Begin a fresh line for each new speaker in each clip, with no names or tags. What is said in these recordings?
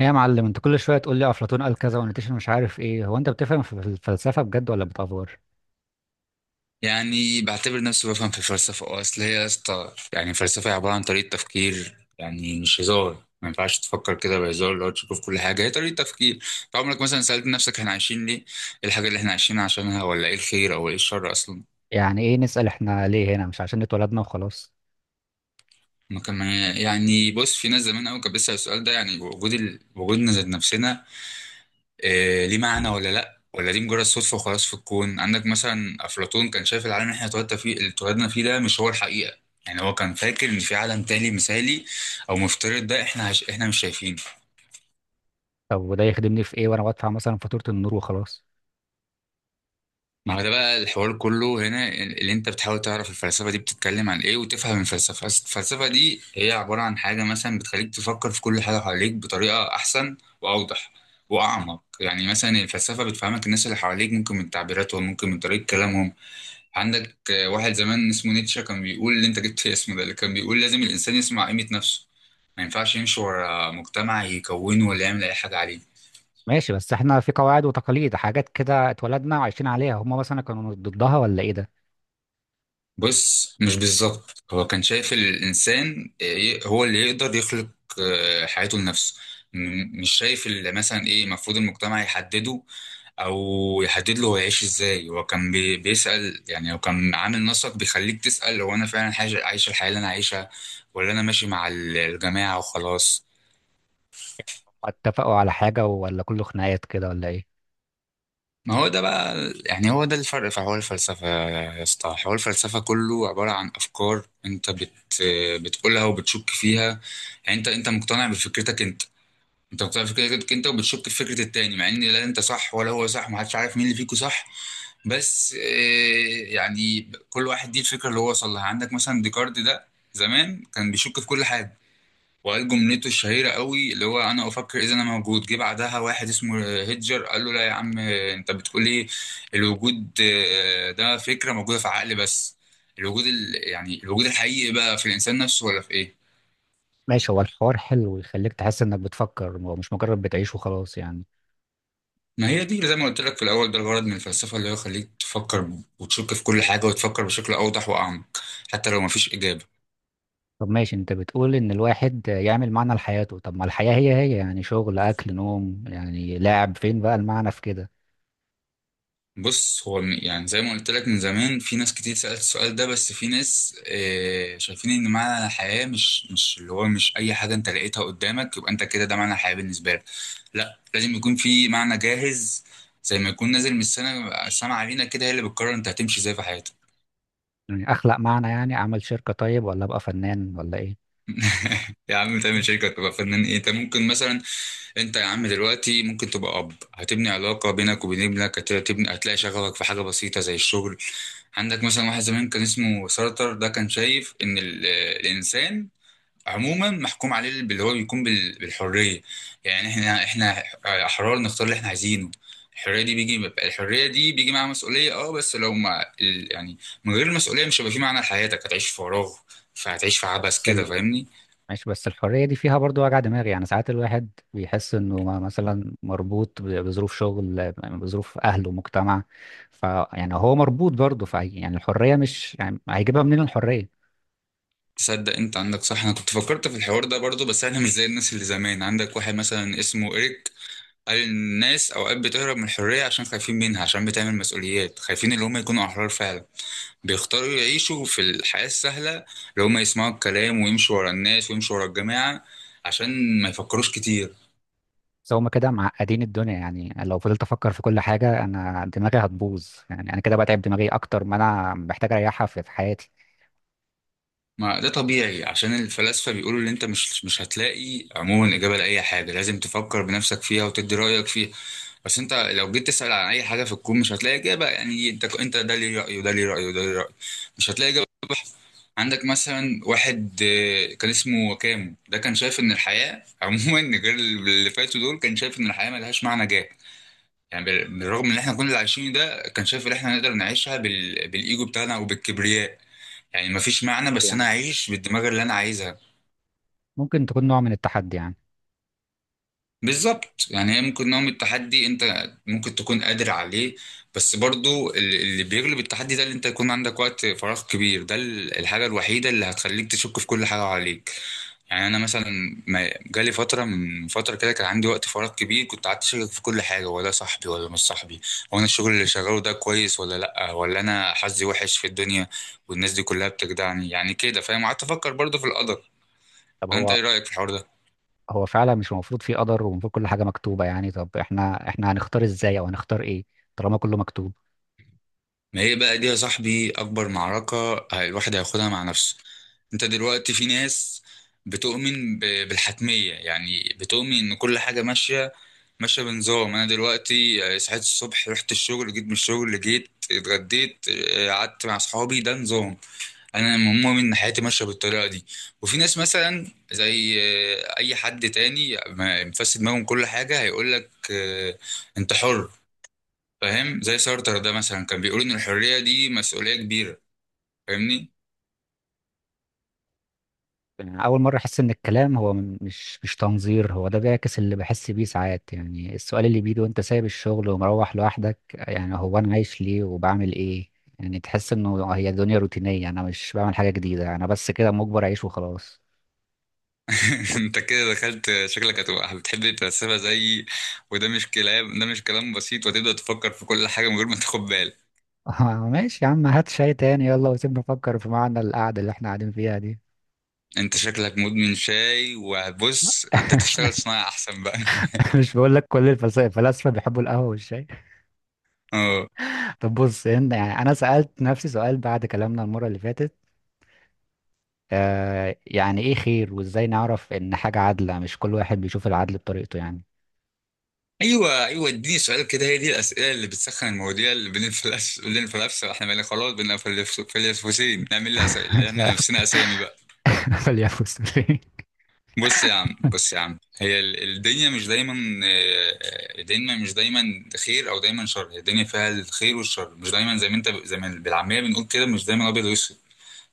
ايه يا معلم، انت كل شويه تقول لي افلاطون قال كذا ونيتشه مش عارف ايه. هو انت بتفهم في الفلسفه بجد ولا بتافور؟
يعني بعتبر نفسي بفهم في الفلسفة، اصل هي يا اسطى. يعني الفلسفة هي عبارة عن طريقة تفكير، يعني مش هزار، ما ينفعش تفكر كده بهزار، اللي هو تشوف كل حاجة هي طريقة تفكير. فعمرك مثلا سألت نفسك احنا عايشين ليه؟ ايه الحاجة اللي احنا عايشين عشانها؟ ولا ايه الخير او ايه الشر اصلا؟
يعني ايه نسال احنا ليه هنا؟ مش عشان اتولدنا وخلاص؟
ما كان. يعني بص، في ناس زمان قوي كانت بتسأل السؤال ده، يعني وجودنا ذات نفسنا، إيه، ليه معنى ولا لأ؟ ولا دي مجرد صدفة وخلاص في الكون؟ عندك مثلا أفلاطون كان شايف العالم اللي احنا اتولدنا فيه ده مش هو الحقيقة. يعني هو كان فاكر إن في عالم تاني مثالي أو مفترض، ده احنا احنا مش شايفينه.
طب وده يخدمني في ايه وانا بدفع مثلا فاتوره النور وخلاص؟
ما هو ده بقى الحوار كله، هنا اللي انت بتحاول تعرف الفلسفة دي بتتكلم عن ايه وتفهم الفلسفة. أصل الفلسفة دي هي عبارة عن حاجة مثلا بتخليك تفكر في كل حاجة حواليك بطريقة أحسن وأوضح وأعمق. يعني مثلا الفلسفة بتفهمك الناس اللي حواليك، ممكن من تعبيراتهم، ممكن من طريقة كلامهم. عندك واحد زمان اسمه نيتشه كان بيقول، اللي انت جبت اسمه ده، اللي كان بيقول لازم الانسان يسمع قيمة نفسه، ما ينفعش يمشي ورا مجتمع يكونه ولا يعمل اي حاجة عليه.
ماشي، بس احنا في قواعد وتقاليد حاجات كده اتولدنا وعايشين عليها. هم مثلا كانوا ضدها ولا ايه ده؟
بص، مش بالظبط. هو كان شايف الانسان هو اللي يقدر يخلق حياته لنفسه. مش شايف اللي مثلا ايه المفروض المجتمع يحدده او يحدد له، هو يعيش ازاي. هو كان بيسأل، يعني هو كان عامل نسق بيخليك تسأل، هو انا فعلا عايش عايش الحياة اللي انا عايشها، ولا انا ماشي مع الجماعة وخلاص؟
اتفقوا على حاجه ولا كله خناقات كده ولا ايه؟
ما هو ده بقى، يعني هو ده الفرق في حوار الفلسفة يا اسطى. حوار الفلسفة كله عبارة عن أفكار أنت بتقولها وبتشك فيها. يعني أنت مقتنع بفكرتك أنت، أنت مقتنع بفكرتك أنت، وبتشك في فكرة التاني، مع إن لا أنت صح ولا هو صح، محدش عارف مين اللي فيكو صح. بس يعني كل واحد دي الفكرة اللي هو وصل لها. عندك مثلا ديكارت ده زمان كان بيشك في كل حاجة، وقال جملته الشهيرة قوي اللي هو، أنا أفكر إذا أنا موجود. جه بعدها واحد اسمه هيدجر قال له، لا يا عم، أنت بتقول إيه؟ الوجود ده فكرة موجودة في عقل بس. الوجود يعني الوجود الحقيقي بقى في الإنسان نفسه، ولا في إيه؟
ماشي، هو الحوار حلو ويخليك تحس انك بتفكر ومش مجرد بتعيش وخلاص يعني.
ما هي دي زي ما قلت لك في الأول، ده الغرض من الفلسفة، اللي هو يخليك تفكر وتشك في كل حاجة وتفكر بشكل أوضح وأعمق، حتى لو مفيش إجابة.
طب ماشي، انت بتقول ان الواحد يعمل معنى لحياته. طب ما الحياة هي هي يعني، شغل اكل نوم يعني، لاعب فين بقى المعنى في كده؟
بص، هو يعني زي ما قلت لك من زمان في ناس كتير سألت السؤال ده، بس في ناس شايفين ان معنى الحياة مش اللي هو مش اي حاجة انت لقيتها قدامك يبقى انت كده ده معنى الحياة بالنسبة لك. لا، لازم يكون في معنى جاهز، زي ما يكون نازل من السما علينا كده، هي اللي بتقرر انت هتمشي ازاي في حياتك.
يعني اخلق معنى؟ يعني اعمل شركة طيب ولا ابقى فنان ولا ايه؟
يا عم تعمل شركة، تبقى فنان، ايه؟ انت ممكن مثلا، انت يا عم دلوقتي ممكن تبقى اب، هتبني علاقة بينك وبين ابنك، هتبني، هتلاقي شغفك في حاجة بسيطة زي الشغل. عندك مثلا واحد زمان كان اسمه سارتر، ده كان شايف ان الانسان عموما محكوم عليه باللي هو بيكون بالحريه. يعني احنا احرار نختار اللي احنا عايزينه. الحريه دي بيجي الحريه دي بيجي معاها مسؤوليه، اه، بس لو ما يعني من غير المسؤوليه مش هيبقى في معنى لحياتك، هتعيش في فراغ. فهتعيش في عبث
بس
كده،
ال...
فاهمني؟
ماشي، بس الحرية دي فيها برضو وجع دماغ. يعني ساعات الواحد بيحس انه مثلا مربوط بظروف شغل بظروف اهله ومجتمع. ف يعني هو مربوط برضه، ف يعني الحرية مش، يعني هيجيبها منين الحرية؟
تصدق انت عندك صح، انا كنت فكرت في الحوار ده برضو، بس انا مش زي الناس اللي زمان. عندك واحد مثلا اسمه إيريك، قال الناس اوقات بتهرب من الحريه عشان خايفين منها، عشان بتعمل مسؤوليات، خايفين اللي هم يكونوا احرار فعلا. بيختاروا يعيشوا في الحياه السهله، اللي هم يسمعوا الكلام ويمشوا ورا الناس ويمشوا ورا الجماعه عشان ما يفكروش كتير.
بس هما كده معقدين الدنيا. يعني لو فضلت افكر في كل حاجه انا دماغي هتبوظ. يعني انا كده بتعب دماغي اكتر ما انا محتاج اريحها في حياتي.
ما ده طبيعي، عشان الفلاسفه بيقولوا ان انت مش هتلاقي عموما اجابه لاي حاجه، لازم تفكر بنفسك فيها وتدي رايك فيها. بس انت لو جيت تسال عن اي حاجه في الكون مش هتلاقي اجابه. يعني انت ده ليه راي وده ليه راي وده ليه راي، مش هتلاقي إجابة. عندك مثلا واحد كان اسمه وكامو، ده كان شايف ان الحياه عموما، غير اللي فاتوا دول، كان شايف ان الحياه ملهاش معنى جاه. يعني بالرغم ان احنا كنا اللي عايشين، ده كان شايف ان احنا نقدر نعيشها بالايجو بتاعنا وبالكبرياء. يعني مفيش معنى، بس انا
يعني
اعيش بالدماغ اللي انا عايزها.
ممكن تكون نوع من التحدي يعني.
بالظبط، يعني هي ممكن نوع من التحدي، انت ممكن تكون قادر عليه. بس برضو اللي بيغلب التحدي ده اللي انت يكون عندك وقت فراغ كبير، ده الحاجة الوحيدة اللي هتخليك تشك في كل حاجة عليك. يعني انا مثلا ما جالي فترة من فترة كده كان عندي وقت فراغ كبير، كنت قعدت اشك في كل حاجة. هو ده صاحبي ولا مش صاحبي؟ هو انا الشغل اللي شغاله ده كويس ولا لا؟ ولا انا حظي وحش في الدنيا والناس دي كلها بتجدعني؟ يعني كده فاهم. قعدت افكر برضو في القدر.
طب
فانت
هو،
ايه رأيك في الحوار ده؟
هو فعلا مش المفروض في قدر ومفروض كل حاجه مكتوبه يعني؟ طب احنا هنختار ازاي او هنختار ايه طالما كله مكتوب؟
ما هي بقى دي يا صاحبي أكبر معركة الواحد هياخدها مع نفسه. أنت دلوقتي، في ناس بتؤمن بالحتمية، يعني بتؤمن إن كل حاجة ماشية بنظام. أنا دلوقتي صحيت الصبح، رحت الشغل، جيت من الشغل، جيت اتغديت، قعدت مع صحابي، ده نظام. أنا مؤمن إن حياتي ماشية بالطريقة دي. وفي ناس مثلا زي أي حد تاني مفسد دماغهم كل حاجة، هيقولك أنت حر، فاهم؟ زي سارتر ده مثلا كان بيقول ان الحريه دي مسؤوليه كبيره، فاهمني؟
يعني أول مرة أحس إن الكلام هو مش تنظير. هو ده بيعكس اللي بحس بيه ساعات. يعني السؤال اللي بيجي وأنت سايب الشغل ومروح لوحدك، يعني هو أنا عايش ليه وبعمل إيه؟ يعني تحس إنه هي الدنيا روتينية. أنا مش بعمل حاجة جديدة، أنا بس كده مجبر أعيش وخلاص.
انت كده دخلت، شكلك هتبقى بتحب تتسابق زي. وده مش كلام، ده مش كلام بسيط، وتبدا تفكر في كل حاجه من غير ما تاخد بالك.
ماشي يا عم، هات شاي تاني يلا وسيبنا نفكر في معنى القعدة اللي إحنا قاعدين فيها دي.
انت شكلك مدمن شاي. وبص، انت تشتغل صناعه احسن بقى.
مش بقول لك، كل الفلاسفة بيحبوا القهوة والشاي.
اه.
طب بص هنا، يعني أنا سألت نفسي سؤال بعد كلامنا المرة اللي فاتت. يعني ايه خير، وازاي نعرف ان حاجة عادلة؟ مش كل واحد بيشوف العدل بطريقته يعني؟
ايوه ايوه، اديني سؤال كده، هي دي الاسئله اللي بتسخن المواضيع، اللي بنفلسف. احنا بقينا خلاص بنفلسفين، نعمل
ف-
لنفسنا اسامي بقى.
فليفوز ليه؟
بص يا عم، بص يا عم، هي الدنيا مش دايما آه، خير او دايما شر. هي الدنيا فيها الخير والشر، مش دايما زي ما انت، زي ما بالعاميه بنقول كده، مش دايما ابيض واسود.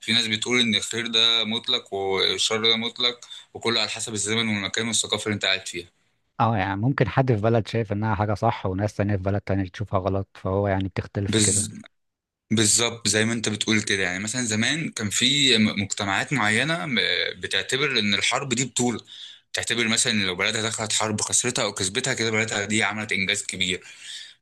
في ناس بتقول ان الخير ده مطلق والشر ده مطلق، وكله على حسب الزمن والمكان والثقافه اللي انت قاعد فيها.
اه يعني ممكن حد في بلد شايف انها حاجة صح وناس تانية في بلد تانية تشوفها غلط، فهو يعني بتختلف في كده.
بز... بالظبط، زي ما انت بتقول كده. يعني مثلا زمان كان في مجتمعات معينه بتعتبر ان الحرب دي بطوله، تعتبر مثلا إن لو بلدها دخلت حرب، خسرتها او كسبتها، كده بلدها دي عملت انجاز كبير.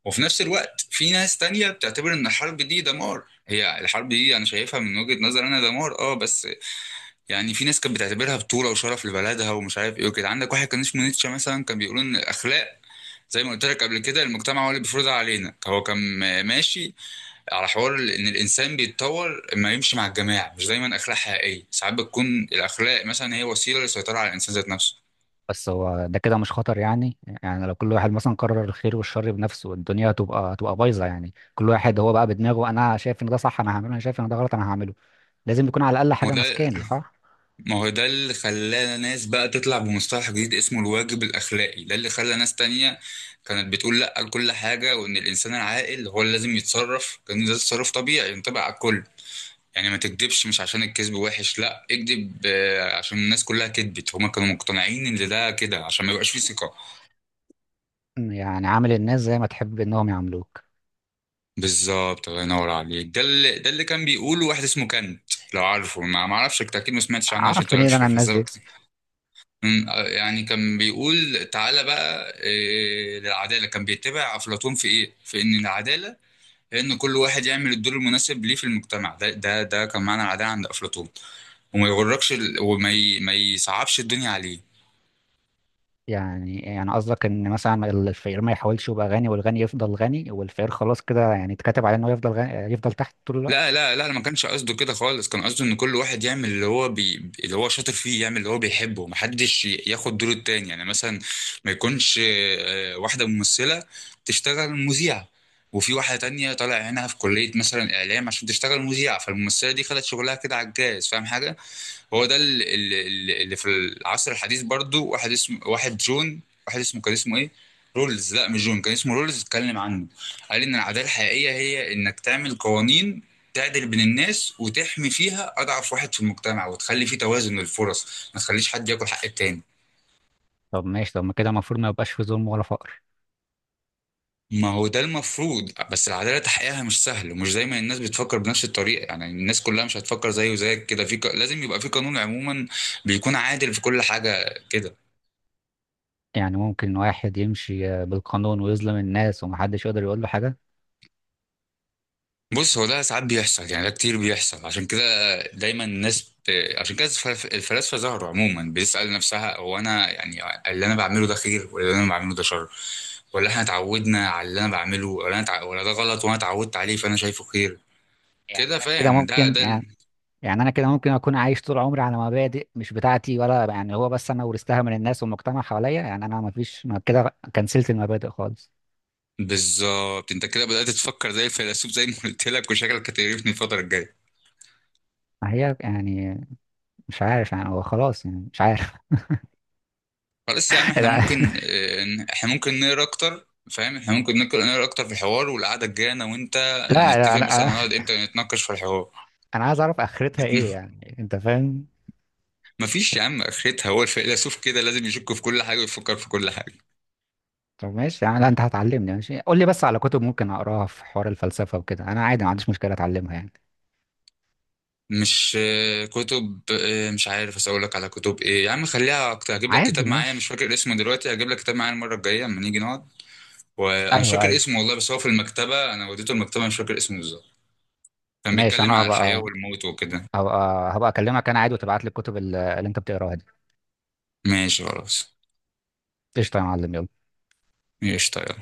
وفي نفس الوقت في ناس تانية بتعتبر ان الحرب دي دمار. هي الحرب دي انا شايفها من وجهة نظر انا دمار، اه، بس يعني في ناس كانت بتعتبرها بطولة وشرف لبلدها ومش عارف ايه وكده. عندك واحد كان اسمه نيتشه مثلا، كان بيقول ان الاخلاق، زي ما قلت لك قبل كده، المجتمع هو اللي بيفرضها علينا. هو كان ماشي على حوار ان الانسان بيتطور اما يمشي مع الجماعة، مش دايما اخلاق حقيقية. ساعات بتكون الاخلاق مثلا هي وسيلة للسيطرة على الانسان ذات نفسه.
بس هو ده كده مش خطر يعني؟ يعني لو كل واحد مثلا قرر الخير والشر بنفسه الدنيا هتبقى بايظة. يعني كل واحد هو بقى بدماغه، انا شايف ان ده صح انا هعمله، انا شايف ان ده غلط انا هعمله. لازم يكون على الاقل
ما هو
حاجة
ده
ماسكاني، صح؟
ما هو ده اللي خلى ناس بقى تطلع بمصطلح جديد اسمه الواجب الأخلاقي، ده اللي خلى ناس تانية كانت بتقول لأ لكل حاجة، وإن الإنسان العاقل هو اللي لازم يتصرف كان ده تصرف طبيعي ينطبق على الكل. يعني ما تكدبش مش عشان الكذب وحش، لأ، اكدب عشان الناس كلها كدبت. هما كانوا مقتنعين إن ده كده عشان ما يبقاش فيه ثقة.
يعني عامل الناس زي ما تحب انهم يعاملوك.
بالظبط، الله ينور عليك. ده اللي كان بيقوله واحد اسمه كانت، لو عارفه. ما اعرفش، انت اكيد ما سمعتش عنه عشان
اعرف
انت مالكش
منين
في
انا الناس
الفلسفه.
دي؟
يعني كان بيقول تعالى بقى للعدالة. كان بيتبع أفلاطون في إيه؟ في إن العدالة هي إن كل واحد يعمل الدور المناسب ليه في المجتمع. ده كان معنى العدالة عند أفلاطون. وما يغركش ما يصعبش الدنيا عليك.
يعني قصدك ان مثلا الفقير ما يحاولش يبقى غني والغني يفضل غني والفقير خلاص كده، يعني اتكتب عليه انه يفضل غني يفضل تحت طول
لا
الوقت؟
لا لا، أنا ما كانش قصده كده خالص، كان قصده ان كل واحد يعمل اللي هو اللي هو شاطر فيه، يعمل اللي هو بيحبه، محدش ياخد دور التاني. يعني مثلا ما يكونش واحدة ممثلة تشتغل مذيعة وفي واحدة تانية طالع هنا في كلية مثلا إعلام عشان تشتغل مذيعة، فالممثلة دي خدت شغلها كده على الجاز، فاهم حاجة؟ هو ده اللي في العصر الحديث برضو. واحد اسمه، واحد جون، واحد اسمه، كان اسمه ايه، رولز. لا مش جون، كان اسمه رولز. اتكلم عنه، قال ان العداله الحقيقيه هي انك تعمل قوانين تعدل بين الناس وتحمي فيها اضعف واحد في المجتمع وتخلي فيه توازن للفرص، ما تخليش حد ياكل حق التاني.
طب ماشي، طب ما كده المفروض ما يبقاش في ظلم ولا فقر؟
ما هو ده المفروض. بس العداله تحقيقها مش سهل ومش زي ما الناس بتفكر بنفس الطريقه، يعني الناس كلها مش هتفكر زي وزيك كده. لازم يبقى في قانون عموما بيكون عادل في كل حاجه كده.
يعني ممكن واحد يمشي بالقانون ويظلم الناس ومحدش يقدر يقول له حاجة؟
بص، هو ده ساعات بيحصل، يعني ده كتير بيحصل. عشان كده دايما الناس ب... عشان كده الفلاسفه ظهروا عموما بتسأل نفسها، هو انا يعني اللي انا بعمله ده خير ولا اللي انا بعمله ده شر؟ ولا احنا اتعودنا على اللي انا بعمله؟ ولا انا ولا ده غلط وانا اتعودت عليه فانا شايفه خير؟
يعني
كده
انا كده
فاهم
ممكن يعني... يعني انا كده ممكن اكون عايش طول عمري على مبادئ مش بتاعتي؟ ولا يعني هو بس انا ورثتها من الناس والمجتمع حواليا؟ يعني انا ما فيش، ما كده كنسلت المبادئ خالص.
بالظبط، انت كده بدأت تفكر زي الفيلسوف زي ما قلت لك، وشكلك هتقرفني الفتره الجايه.
ما هي يعني... مش عارف يعني. هو خلاص يعني، مش عارف.
خلاص يا عم، احنا ممكن احنا ممكن نقرا اكتر، فاهم؟ احنا ممكن نقرا اكتر في الحوار والقعده الجايه انا وانت،
لا لا،
نتفق مثلا
انا...
هنقعد امتى نتناقش في الحوار.
انا عايز اعرف اخرتها ايه يعني، انت فاهم؟
مفيش يا عم اخرتها، هو الفيلسوف كده لازم يشك في كل حاجه ويفكر في كل حاجه.
طب ماشي يعني، لا انت هتعلمني. ماشي قول لي بس على كتب ممكن اقراها في حوار الفلسفه وكده، انا عادي ما عنديش مشكله اتعلمها يعني.
مش كتب مش عارف. بس اقول لك على كتب ايه يا عم، خليها اكتر. هجيب لك
عادي
كتاب معايا، مش
ماشي.
فاكر اسمه دلوقتي، هجيب لك كتاب معايا المره الجايه لما نيجي نقعد. وانا مش
ايوه
فاكر
ايوه.
اسمه والله، بس هو في المكتبه، انا وديته المكتبه، مش فاكر اسمه بالظبط. كان
ماشي،
بيتكلم
انا
عن الحياه والموت وكده.
هبقى هبقى اكلمك انا عادي، وتبعت لي الكتب اللي انت بتقراها دي.
ماشي خلاص.
قشطه يا معلم، يلا.
ماشي طيب.